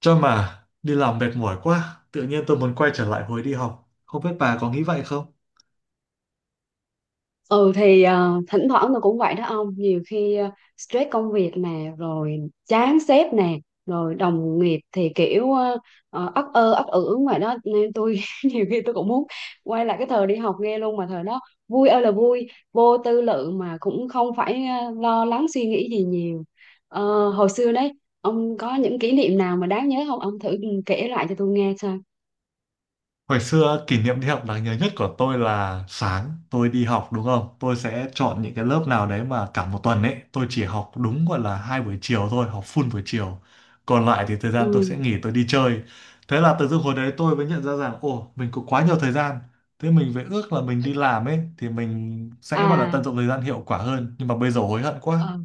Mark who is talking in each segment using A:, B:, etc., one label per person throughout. A: Cho mà đi làm mệt mỏi quá, tự nhiên tôi muốn quay trở lại hồi đi học. Không biết bà có nghĩ vậy không?
B: Ừ thì thỉnh thoảng tôi cũng vậy đó ông. Nhiều khi stress công việc nè. Rồi chán sếp nè. Rồi đồng nghiệp thì kiểu ấp ơ ấp ử ngoài đó. Nên tôi nhiều khi tôi cũng muốn quay lại cái thời đi học nghe luôn. Mà thời đó vui ơi là vui. Vô tư lự mà cũng không phải lo lắng suy nghĩ gì nhiều. Hồi xưa đấy. Ông có những kỷ niệm nào mà đáng nhớ không? Ông thử kể lại cho tôi nghe xem.
A: Hồi xưa kỷ niệm đi học đáng nhớ nhất của tôi là sáng tôi đi học đúng không? Tôi sẽ chọn những cái lớp nào đấy mà cả một tuần ấy tôi chỉ học đúng gọi là hai buổi chiều thôi, học full buổi chiều. Còn lại thì thời
B: Ừ.
A: gian tôi sẽ nghỉ tôi đi chơi. Thế là tự dưng hồi đấy tôi mới nhận ra rằng ồ mình có quá nhiều thời gian. Thế mình phải ước là mình đi làm ấy thì mình sẽ gọi là tận
B: À.
A: dụng thời gian hiệu quả hơn. Nhưng mà bây giờ hối hận quá.
B: Ờ.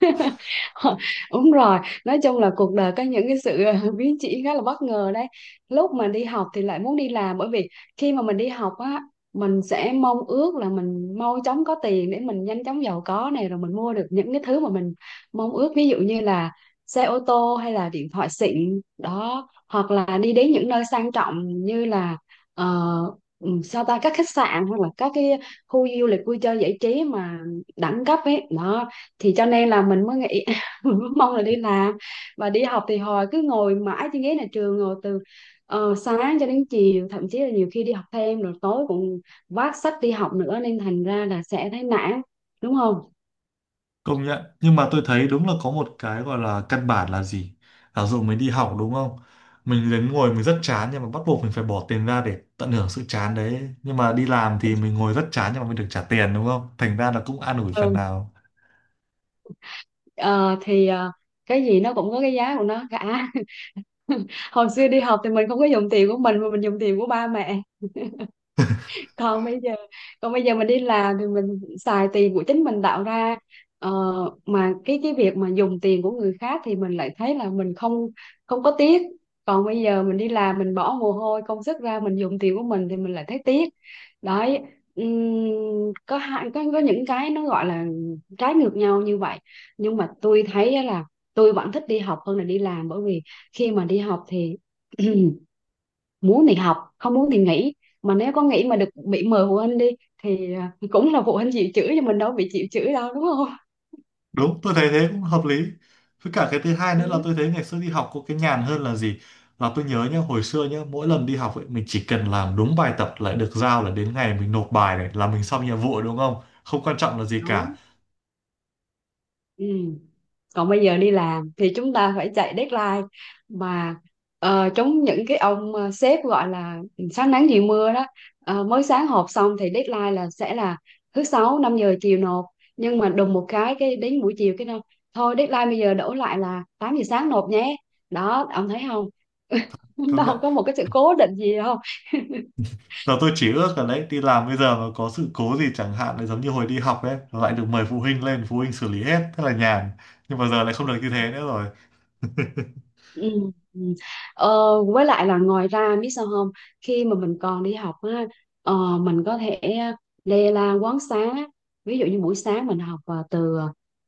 B: Đúng rồi. Nói chung là cuộc đời có những cái sự biến chỉ khá là bất ngờ đấy. Lúc mà đi học thì lại muốn đi làm, bởi vì khi mà mình đi học á mình sẽ mong ước là mình mau chóng có tiền để mình nhanh chóng giàu có này, rồi mình mua được những cái thứ mà mình mong ước, ví dụ như là xe ô tô hay là điện thoại xịn đó, hoặc là đi đến những nơi sang trọng như là ờ, sao ta các khách sạn hoặc là các cái khu du lịch vui chơi giải trí mà đẳng cấp ấy đó. Thì cho nên là mình mới nghĩ, mình mới mong là đi làm. Và đi học thì hồi cứ ngồi mãi trên ghế nhà trường, ngồi từ sáng cho đến chiều, thậm chí là nhiều khi đi học thêm rồi tối cũng vác sách đi học nữa, nên thành ra là sẽ thấy nản, đúng không?
A: Công nhận, nhưng mà tôi thấy đúng là có một cái gọi là căn bản là gì, giả dụ mình đi học đúng không, mình đến ngồi mình rất chán nhưng mà bắt buộc mình phải bỏ tiền ra để tận hưởng sự chán đấy. Nhưng mà đi làm thì mình ngồi rất chán nhưng mà mình được trả tiền đúng không, thành ra là cũng an ủi phần
B: Ừ.
A: nào.
B: Ờ, thì cái gì nó cũng có cái giá của nó cả. Hồi xưa đi học thì mình không có dùng tiền của mình mà mình dùng tiền của ba mẹ. Còn bây giờ, mình đi làm thì mình xài tiền của chính mình tạo ra. ờ, mà cái việc mà dùng tiền của người khác thì mình lại thấy là mình không không có tiếc. Còn bây giờ mình đi làm mình bỏ mồ hôi công sức ra, mình dùng tiền của mình thì mình lại thấy tiếc đấy. ừm, có hạn có những cái nó gọi là trái ngược nhau như vậy. Nhưng mà tôi thấy á là tôi vẫn thích đi học hơn là đi làm, bởi vì khi mà đi học thì muốn thì học, không muốn thì nghỉ. Mà nếu có nghỉ mà được bị mời phụ huynh đi thì cũng là phụ huynh chịu chửi cho mình, đâu bị chịu chửi đâu, đúng không?
A: Đúng, tôi thấy thế cũng hợp lý. Với cả cái thứ hai nữa là
B: Ừ,
A: tôi thấy ngày xưa đi học có cái nhàn hơn là gì, là tôi nhớ nhá, hồi xưa nhá, mỗi lần đi học ấy mình chỉ cần làm đúng bài tập lại được giao, là đến ngày mình nộp bài này là mình xong nhiệm vụ đúng không, không quan trọng là gì
B: đúng.
A: cả.
B: Ừ. Còn bây giờ đi làm thì chúng ta phải chạy deadline, mà chống những cái ông sếp gọi là sáng nắng chiều mưa đó. Mới sáng họp xong thì deadline là sẽ là thứ sáu 5 giờ chiều nộp, nhưng mà đùng một cái đến buổi chiều cái đâu, thôi deadline bây giờ đổ lại là 8 giờ sáng nộp nhé. Đó, ông thấy không,
A: Công nhận.
B: đâu có một cái sự cố định gì đâu.
A: Giờ tôi chỉ ước là đấy, đi làm bây giờ mà có sự cố gì chẳng hạn lại giống như hồi đi học đấy, lại được mời phụ huynh lên, phụ huynh xử lý hết, thế là nhàn. Nhưng mà giờ lại không được như thế nữa rồi.
B: Ừ. Ừ. Với lại là ngoài ra biết sao không. Khi mà mình còn đi học á, mình có thể lê la quán xá. Ví dụ như buổi sáng mình học từ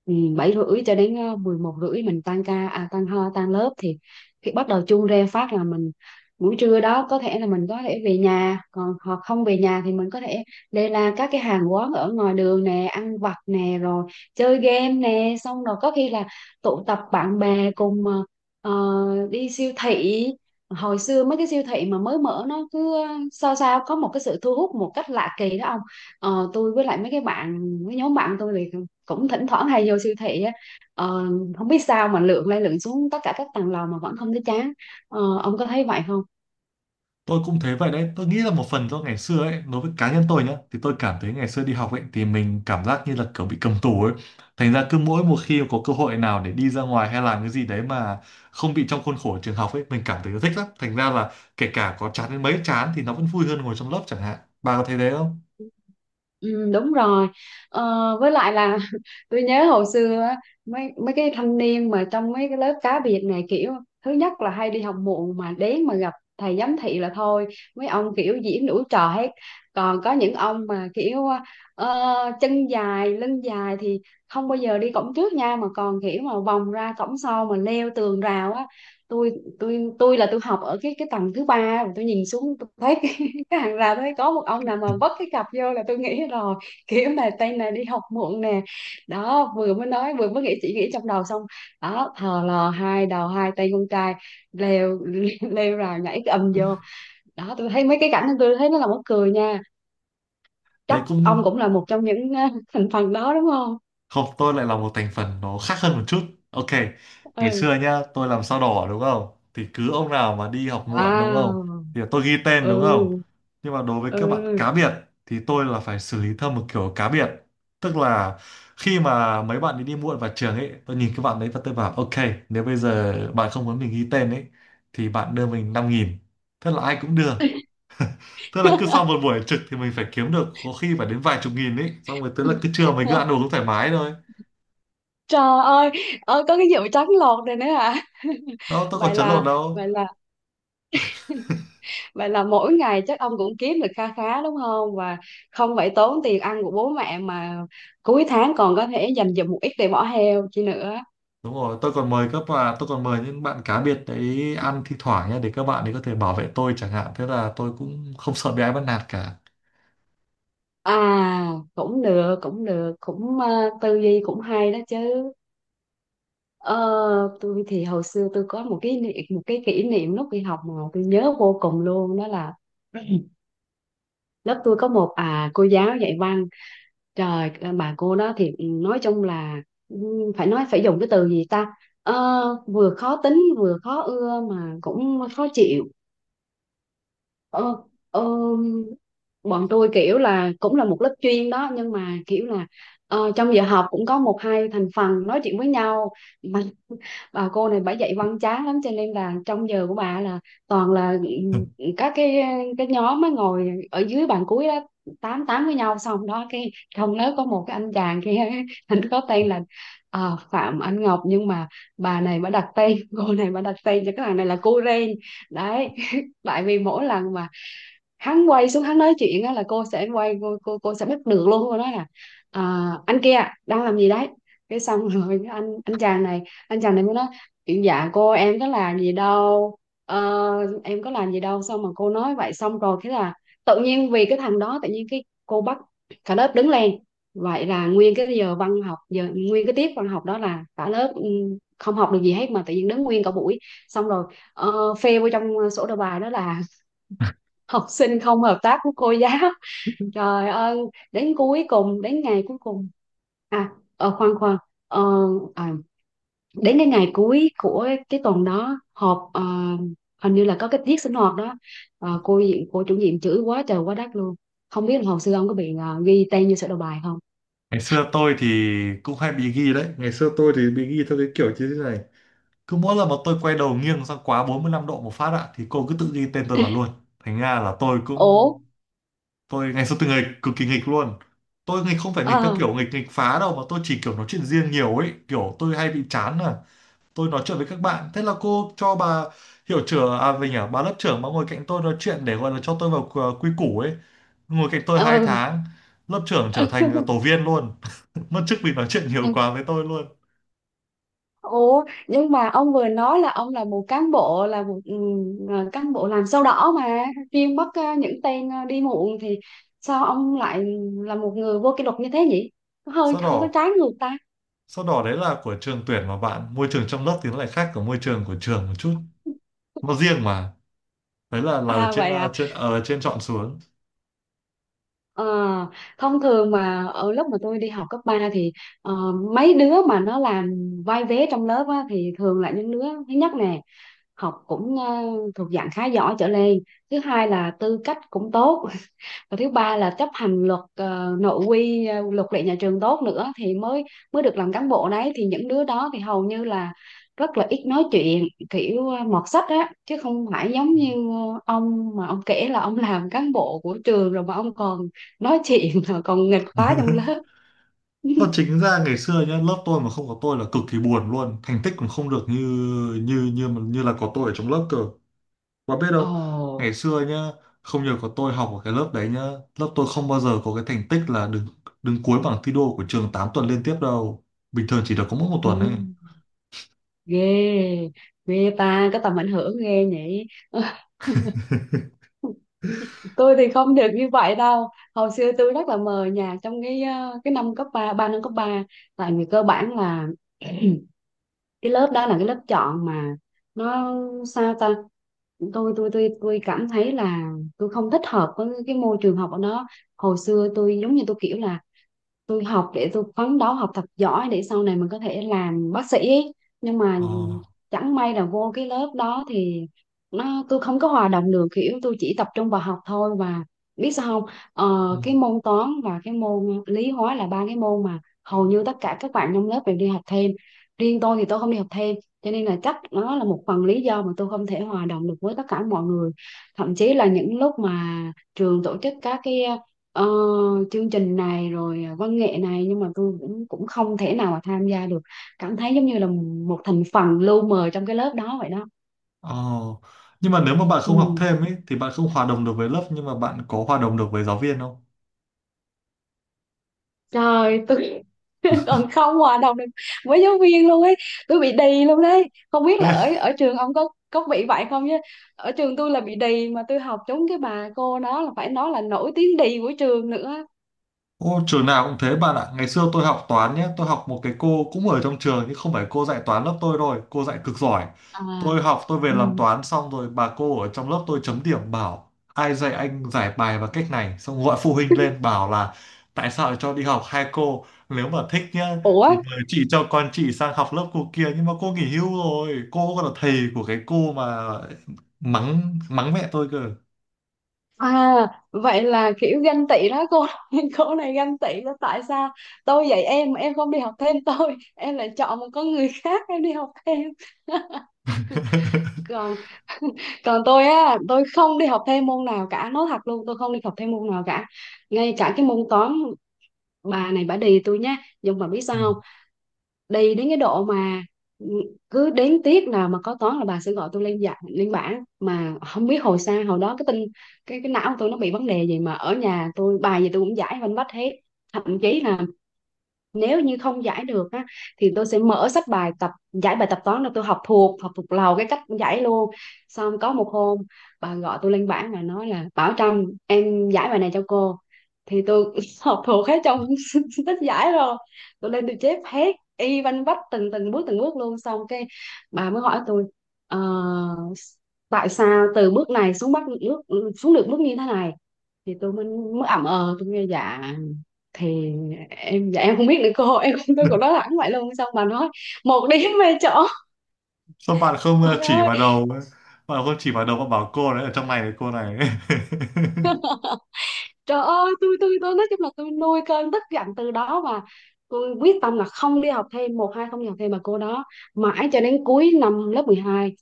B: 7h30 cho đến 11h30, mình tan ca tan lớp thì khi bắt đầu chuông reo phát là mình buổi trưa đó có thể là mình có thể về nhà, còn hoặc không về nhà thì mình có thể lê la các cái hàng quán ở ngoài đường nè, ăn vặt nè, rồi chơi game nè, xong rồi có khi là tụ tập bạn bè cùng ờ, đi siêu thị. Hồi xưa mấy cái siêu thị mà mới mở nó cứ sao sao có một cái sự thu hút một cách lạ kỳ đó ông. Tôi với lại mấy nhóm bạn tôi thì cũng thỉnh thoảng hay vô siêu thị á. Ờ, Không biết sao mà lượn lên lượn xuống tất cả các tầng lầu mà vẫn không thấy chán. Ông có thấy vậy không?
A: Tôi cũng thế vậy đấy. Tôi nghĩ là một phần do ngày xưa ấy, đối với cá nhân tôi nhá, thì tôi cảm thấy ngày xưa đi học ấy thì mình cảm giác như là kiểu bị cầm tù ấy. Thành ra cứ mỗi một khi có cơ hội nào để đi ra ngoài hay làm cái gì đấy mà không bị trong khuôn khổ trường học ấy, mình cảm thấy thích lắm. Thành ra là kể cả có chán đến mấy, chán thì nó vẫn vui hơn ngồi trong lớp chẳng hạn, bà có thấy thế không?
B: Ừ, đúng rồi. ờ, với lại là tôi nhớ hồi xưa á, mấy mấy cái thanh niên mà trong mấy cái lớp cá biệt này kiểu thứ nhất là hay đi học muộn, mà đến mà gặp thầy giám thị là thôi, mấy ông kiểu diễn đủ trò hết. Còn có những ông mà kiểu ờ, chân dài lưng dài thì không bao giờ đi cổng trước nha, mà còn kiểu mà vòng ra cổng sau mà leo tường rào á. Tôi tôi tôi là tôi học ở cái tầng thứ ba, tôi nhìn xuống tôi thấy cái hàng rào đấy có một ông nào mà vấp cái cặp vô là tôi nghĩ rồi, kiểu mà tay này đi học muộn nè. Đó, vừa mới nói vừa mới nghĩ, chỉ nghĩ trong đầu xong, đó thò lò hai đầu hai tay con trai leo leo rào nhảy cái ầm vô. Đó, tôi thấy mấy cái cảnh đó tôi thấy nó là mắc cười nha. Chắc
A: Đấy
B: ông
A: cũng.
B: cũng là một trong những thành phần đó đúng không?
A: Không, tôi lại là một thành phần nó khác hơn một chút. Ok, ngày
B: Ừ.
A: xưa nhá, tôi làm sao đỏ đúng không? Thì cứ ông nào mà đi học muộn đúng không?
B: Wow.
A: Thì tôi ghi tên
B: Ừ.
A: đúng không? Nhưng mà đối với các bạn
B: Ừ.
A: cá biệt thì tôi là phải xử lý theo một kiểu cá biệt. Tức là khi mà mấy bạn ấy đi muộn vào trường ấy, tôi nhìn các bạn đấy và tôi bảo ok, nếu bây giờ bạn không muốn mình ghi tên ấy thì bạn đưa mình năm nghìn. Thế là ai cũng đưa. Tức là cứ sau một buổi trực thì mình phải kiếm được có khi phải đến vài chục nghìn ấy, xong rồi tức là cứ trưa mình cứ ăn uống thoải mái thôi.
B: Trời ơi. Ơi có cái vụ trắng lột này nữa à.
A: Đâu tôi có
B: vậy
A: chấn lột
B: là
A: đâu.
B: vậy là Vậy là mỗi ngày chắc ông cũng kiếm được kha khá, đúng không? Và không phải tốn tiền ăn của bố mẹ mà cuối tháng còn có thể dành dụm một ít để bỏ heo chi nữa.
A: Đúng rồi, tôi còn mời các bạn, tôi còn mời những bạn cá biệt đấy ăn thi thoảng nhé, để các bạn ấy có thể bảo vệ tôi chẳng hạn, thế là tôi cũng không sợ bị ai bắt nạt cả.
B: À, cũng được, cũng được, cũng tư duy cũng hay đó chứ. Ờ, tôi thì hồi xưa tôi có một cái một cái kỷ niệm lúc đi học mà tôi nhớ vô cùng luôn đó là lớp tôi có một cô giáo dạy văn. Trời, bà cô đó thì nói chung là ừ, phải nói phải dùng cái từ gì ta. Ờ, Vừa khó tính vừa khó ưa mà cũng khó chịu. ờ, ờ, Bọn tôi kiểu là cũng là một lớp chuyên đó nhưng mà kiểu là trong giờ học cũng có một hai thành phần nói chuyện với nhau. Mà bà cô này bà dạy văn chán lắm cho nên là trong giờ của bà là toàn là các cái nhóm mới ngồi ở dưới bàn cuối đó tám tám với nhau, xong đó cái trong lớp có một cái anh chàng kia, anh có tên là Phạm Anh Ngọc, nhưng mà bà này bà đặt tên, cô này bà đặt tên cho cái thằng này là cô Ren đấy. Tại vì mỗi lần mà hắn quay xuống hắn nói chuyện á là cô sẽ quay cô sẽ bắt được luôn, cô nói là anh kia đang làm gì đấy. Cái xong rồi cái anh chàng này mới nói chuyện: dạ cô em có làm gì đâu. Ờ, em có làm gì đâu, xong mà cô nói vậy, xong rồi thế là tự nhiên vì cái thằng đó tự nhiên cái cô bắt cả lớp đứng lên. Vậy là nguyên cái tiết văn học đó là cả lớp không học được gì hết mà tự nhiên đứng nguyên cả buổi. Xong rồi phê vô trong sổ đầu bài đó là học sinh không hợp tác với cô giáo. Trời ơi, đến cuối cùng, đến ngày cuối cùng khoan khoan ờ, à, đến cái ngày cuối của cái tuần đó họp, hình như là có cái tiết sinh hoạt đó. Cô chủ nhiệm chửi quá trời quá đất luôn. Không biết là hồi xưa ông có bị ghi tên như sổ đầu bài không.
A: Ngày xưa tôi thì cũng hay bị ghi đấy. Ngày xưa tôi thì bị ghi theo cái kiểu như thế này: cứ mỗi lần mà tôi quay đầu nghiêng sang quá 45 độ một phát ạ thì cô cứ tự ghi tên tôi vào luôn. Thành ra là tôi
B: Ủa.
A: cũng, tôi ngày xưa tôi nghịch, cực kỳ nghịch luôn. Tôi nghịch không phải nghịch theo
B: Ờ.
A: kiểu nghịch nghịch phá đâu, mà tôi chỉ kiểu nói chuyện riêng nhiều ấy, kiểu tôi hay bị chán à. Tôi nói chuyện với các bạn, thế là cô cho bà hiệu trưởng à mình à bà lớp trưởng mà ngồi cạnh tôi nói chuyện để gọi là cho tôi vào quy quy củ ấy. Ngồi cạnh tôi hai
B: Ờ.
A: tháng, lớp trưởng trở thành tổ viên luôn. Mất chức vì nói chuyện nhiều
B: Ừ.
A: quá với tôi luôn.
B: Ủa, nhưng mà ông vừa nói là ông là một cán bộ, là một cán bộ làm sao đỏ mà chuyên bắt những tên đi muộn, thì sao ông lại là một người vô kỷ luật như thế nhỉ? Hơi
A: sau
B: hơi có
A: đó
B: trái ngược ta.
A: sau đó đấy là của trường tuyển, mà bạn môi trường trong lớp thì nó lại khác của môi trường của trường một chút, nó riêng mà. Đấy là là
B: À
A: trên
B: vậy
A: à,
B: à.
A: trên ở trên chọn xuống.
B: Ờ, Thông thường mà ở lúc mà tôi đi học cấp 3 thì ờ, mấy đứa mà nó làm vai vế trong lớp á, thì thường là những đứa thứ nhất nè, học cũng thuộc dạng khá giỏi trở lên, thứ hai là tư cách cũng tốt, và thứ ba là chấp hành luật nội quy, luật lệ nhà trường tốt nữa thì mới mới được làm cán bộ đấy. Thì những đứa đó thì hầu như là rất là ít nói chuyện, kiểu mọt sách á, chứ không phải giống như ông mà ông kể là ông làm cán bộ của trường rồi mà ông còn nói chuyện rồi còn nghịch phá trong lớp.
A: Và chính ra ngày xưa nhá, lớp tôi mà không có tôi là cực kỳ buồn, luôn thành tích cũng không được như như là có tôi ở trong lớp cơ. Bạn biết
B: Ồ,
A: đâu ngày xưa nhá, không nhờ có tôi học ở cái lớp đấy nhá, lớp tôi không bao giờ có cái thành tích là đứng đứng cuối bảng thi đua của trường 8 tuần liên tiếp đâu. Bình thường chỉ được có mỗi một
B: ừ,
A: tuần ấy.
B: ghê, ghê ta có tầm ảnh hưởng ghê nhỉ. Tôi thì không được như vậy đâu. Hồi xưa tôi rất là mờ nhạt trong cái cái năm cấp ba, ba năm cấp ba. Tại vì cơ bản là cái lớp đó là cái lớp chọn mà, nó sao ta, tôi cảm thấy là tôi không thích hợp với cái môi trường học ở đó. Hồi xưa tôi giống như tôi kiểu là tôi học để tôi phấn đấu học thật giỏi để sau này mình có thể làm bác sĩ ấy. Nhưng mà
A: Ờ.
B: chẳng may là vô cái lớp đó thì nó, tôi không có hòa đồng được, kiểu tôi chỉ tập trung vào học thôi. Và biết sao không,
A: Ừ.
B: cái môn toán và cái môn lý hóa là ba cái môn mà hầu như tất cả các bạn trong lớp đều đi học thêm, riêng tôi thì tôi không đi học thêm. Cho nên là chắc nó là một phần lý do mà tôi không thể hòa đồng được với tất cả mọi người. Thậm chí là những lúc mà trường tổ chức các cái ờ, chương trình này rồi à, văn nghệ này, nhưng mà tôi cũng cũng không thể nào mà tham gia được, cảm thấy giống như là một thành phần lu mờ trong cái lớp đó vậy đó.
A: Ờ. Nhưng mà nếu mà bạn không học
B: Ừ.
A: thêm ấy thì bạn không hòa đồng được với lớp, nhưng mà bạn có hòa đồng được với giáo viên không?
B: Trời tôi, còn không hòa đồng được với giáo viên luôn ấy. Tôi bị đì luôn đấy. Không biết là ở ở trường ông có bị vậy không chứ ở trường tôi là bị đì, mà tôi học trúng cái bà cô đó là phải nói là nổi tiếng đì của trường nữa.
A: Ô, trường nào cũng thế bạn ạ. Ngày xưa tôi học toán nhé. Tôi học một cái cô cũng ở trong trường nhưng không phải cô dạy toán lớp tôi rồi. Cô dạy cực giỏi.
B: À,
A: Tôi học, tôi về
B: ừ.
A: làm toán xong rồi bà cô ở trong lớp tôi chấm điểm bảo ai dạy anh giải bài bằng cách này. Xong gọi phụ huynh lên bảo là tại sao lại cho đi học hai cô. Nếu mà thích nhá
B: Ủa.
A: thì mời chị cho con chị sang học lớp cô kia. Nhưng mà cô nghỉ hưu rồi. Cô còn là thầy của cái cô mà mắng mắng mẹ tôi cơ.
B: À, vậy là kiểu ganh tị đó cô, cô này ganh tị đó, tại sao tôi dạy em mà em không đi học thêm tôi, em lại chọn một con người khác em đi học thêm. Còn còn tôi á, tôi không đi học thêm môn nào cả, nói thật luôn, tôi không đi học thêm môn nào cả, ngay cả cái môn toán bà này bà đì tôi nhá. Nhưng mà biết sao không, đi đến cái độ mà, ừ, cứ đến tiết nào mà có toán là bà sẽ gọi tôi lên, dạ lên bảng. Mà không biết hồi xa hồi đó cái tinh, cái não của tôi nó bị vấn đề gì mà ở nhà tôi bài gì tôi cũng giải văn vách hết. Thậm chí là nếu như không giải được á, thì tôi sẽ mở sách bài tập giải bài tập toán, là tôi học thuộc, học thuộc lầu cái cách giải luôn. Xong có một hôm bà gọi tôi lên bảng và nói là: "Bảo Trâm, em giải bài này cho cô". Thì tôi học thuộc hết trong sách giải rồi, tôi lên tôi chép hết y văn vách từng từng bước, từng bước luôn. Xong cái bà mới hỏi tôi: "Ờ, tại sao từ bước này xuống bắt bước xuống được bước như thế này?" Thì tôi mới mới ậm ờ, tôi nghe dạ, thì em dạ em không biết nữa cô, em không, tôi
A: Ừ.
B: cũng nói thẳng vậy luôn. Xong bà nói: "Một điểm về chỗ".
A: Sao bạn không
B: Trời
A: chỉ
B: ơi,
A: vào đầu bạn không chỉ vào đầu bạn bảo cô đấy ở trong này là cô này.
B: trời ơi, tôi nói chung là tôi nuôi cơn tức giận từ đó, mà tôi quyết tâm là không đi học thêm, một hai không đi học thêm mà cô đó. Mãi cho đến cuối năm lớp 12,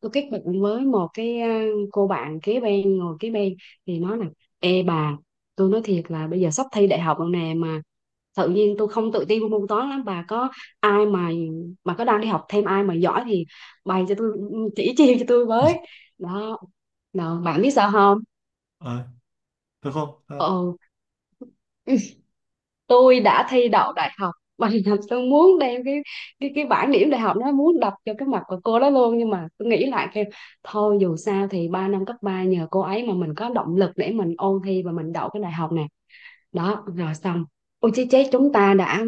B: tôi kết bạn với một cái cô bạn kế bên, ngồi kế bên, thì nói là: "Ê bà, tôi nói thiệt là bây giờ sắp thi đại học rồi nè, mà tự nhiên tôi không tự tin môn toán lắm. Bà có ai mà có đang đi học thêm, ai mà giỏi thì bày cho tôi, chỉ chiêu cho tôi với". Đó, đó bạn biết sao không,
A: Ờ, được không? Ờ,
B: ờ, tôi đã thi đậu đại học. Và làm tôi muốn đem cái cái bảng điểm đại học nó muốn đập cho cái mặt của cô đó luôn. Nhưng mà tôi nghĩ lại kêu thôi, dù sao thì ba năm cấp ba nhờ cô ấy mà mình có động lực để mình ôn thi và mình đậu cái đại học này. Đó rồi xong. Ôi chết, chết, chúng ta đã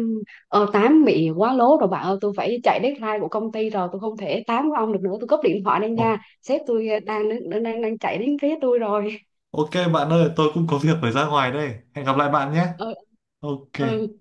B: tám bị quá lố rồi bạn ơi. Tôi phải chạy deadline của công ty rồi, tôi không thể tám với ông được nữa, tôi cúp điện thoại đây
A: ồ,
B: nha, sếp tôi đang chạy đến phía tôi rồi.
A: ok bạn ơi, tôi cũng có việc phải ra ngoài đây. Hẹn gặp lại bạn nhé.
B: Ờ,
A: Ok.
B: ừ,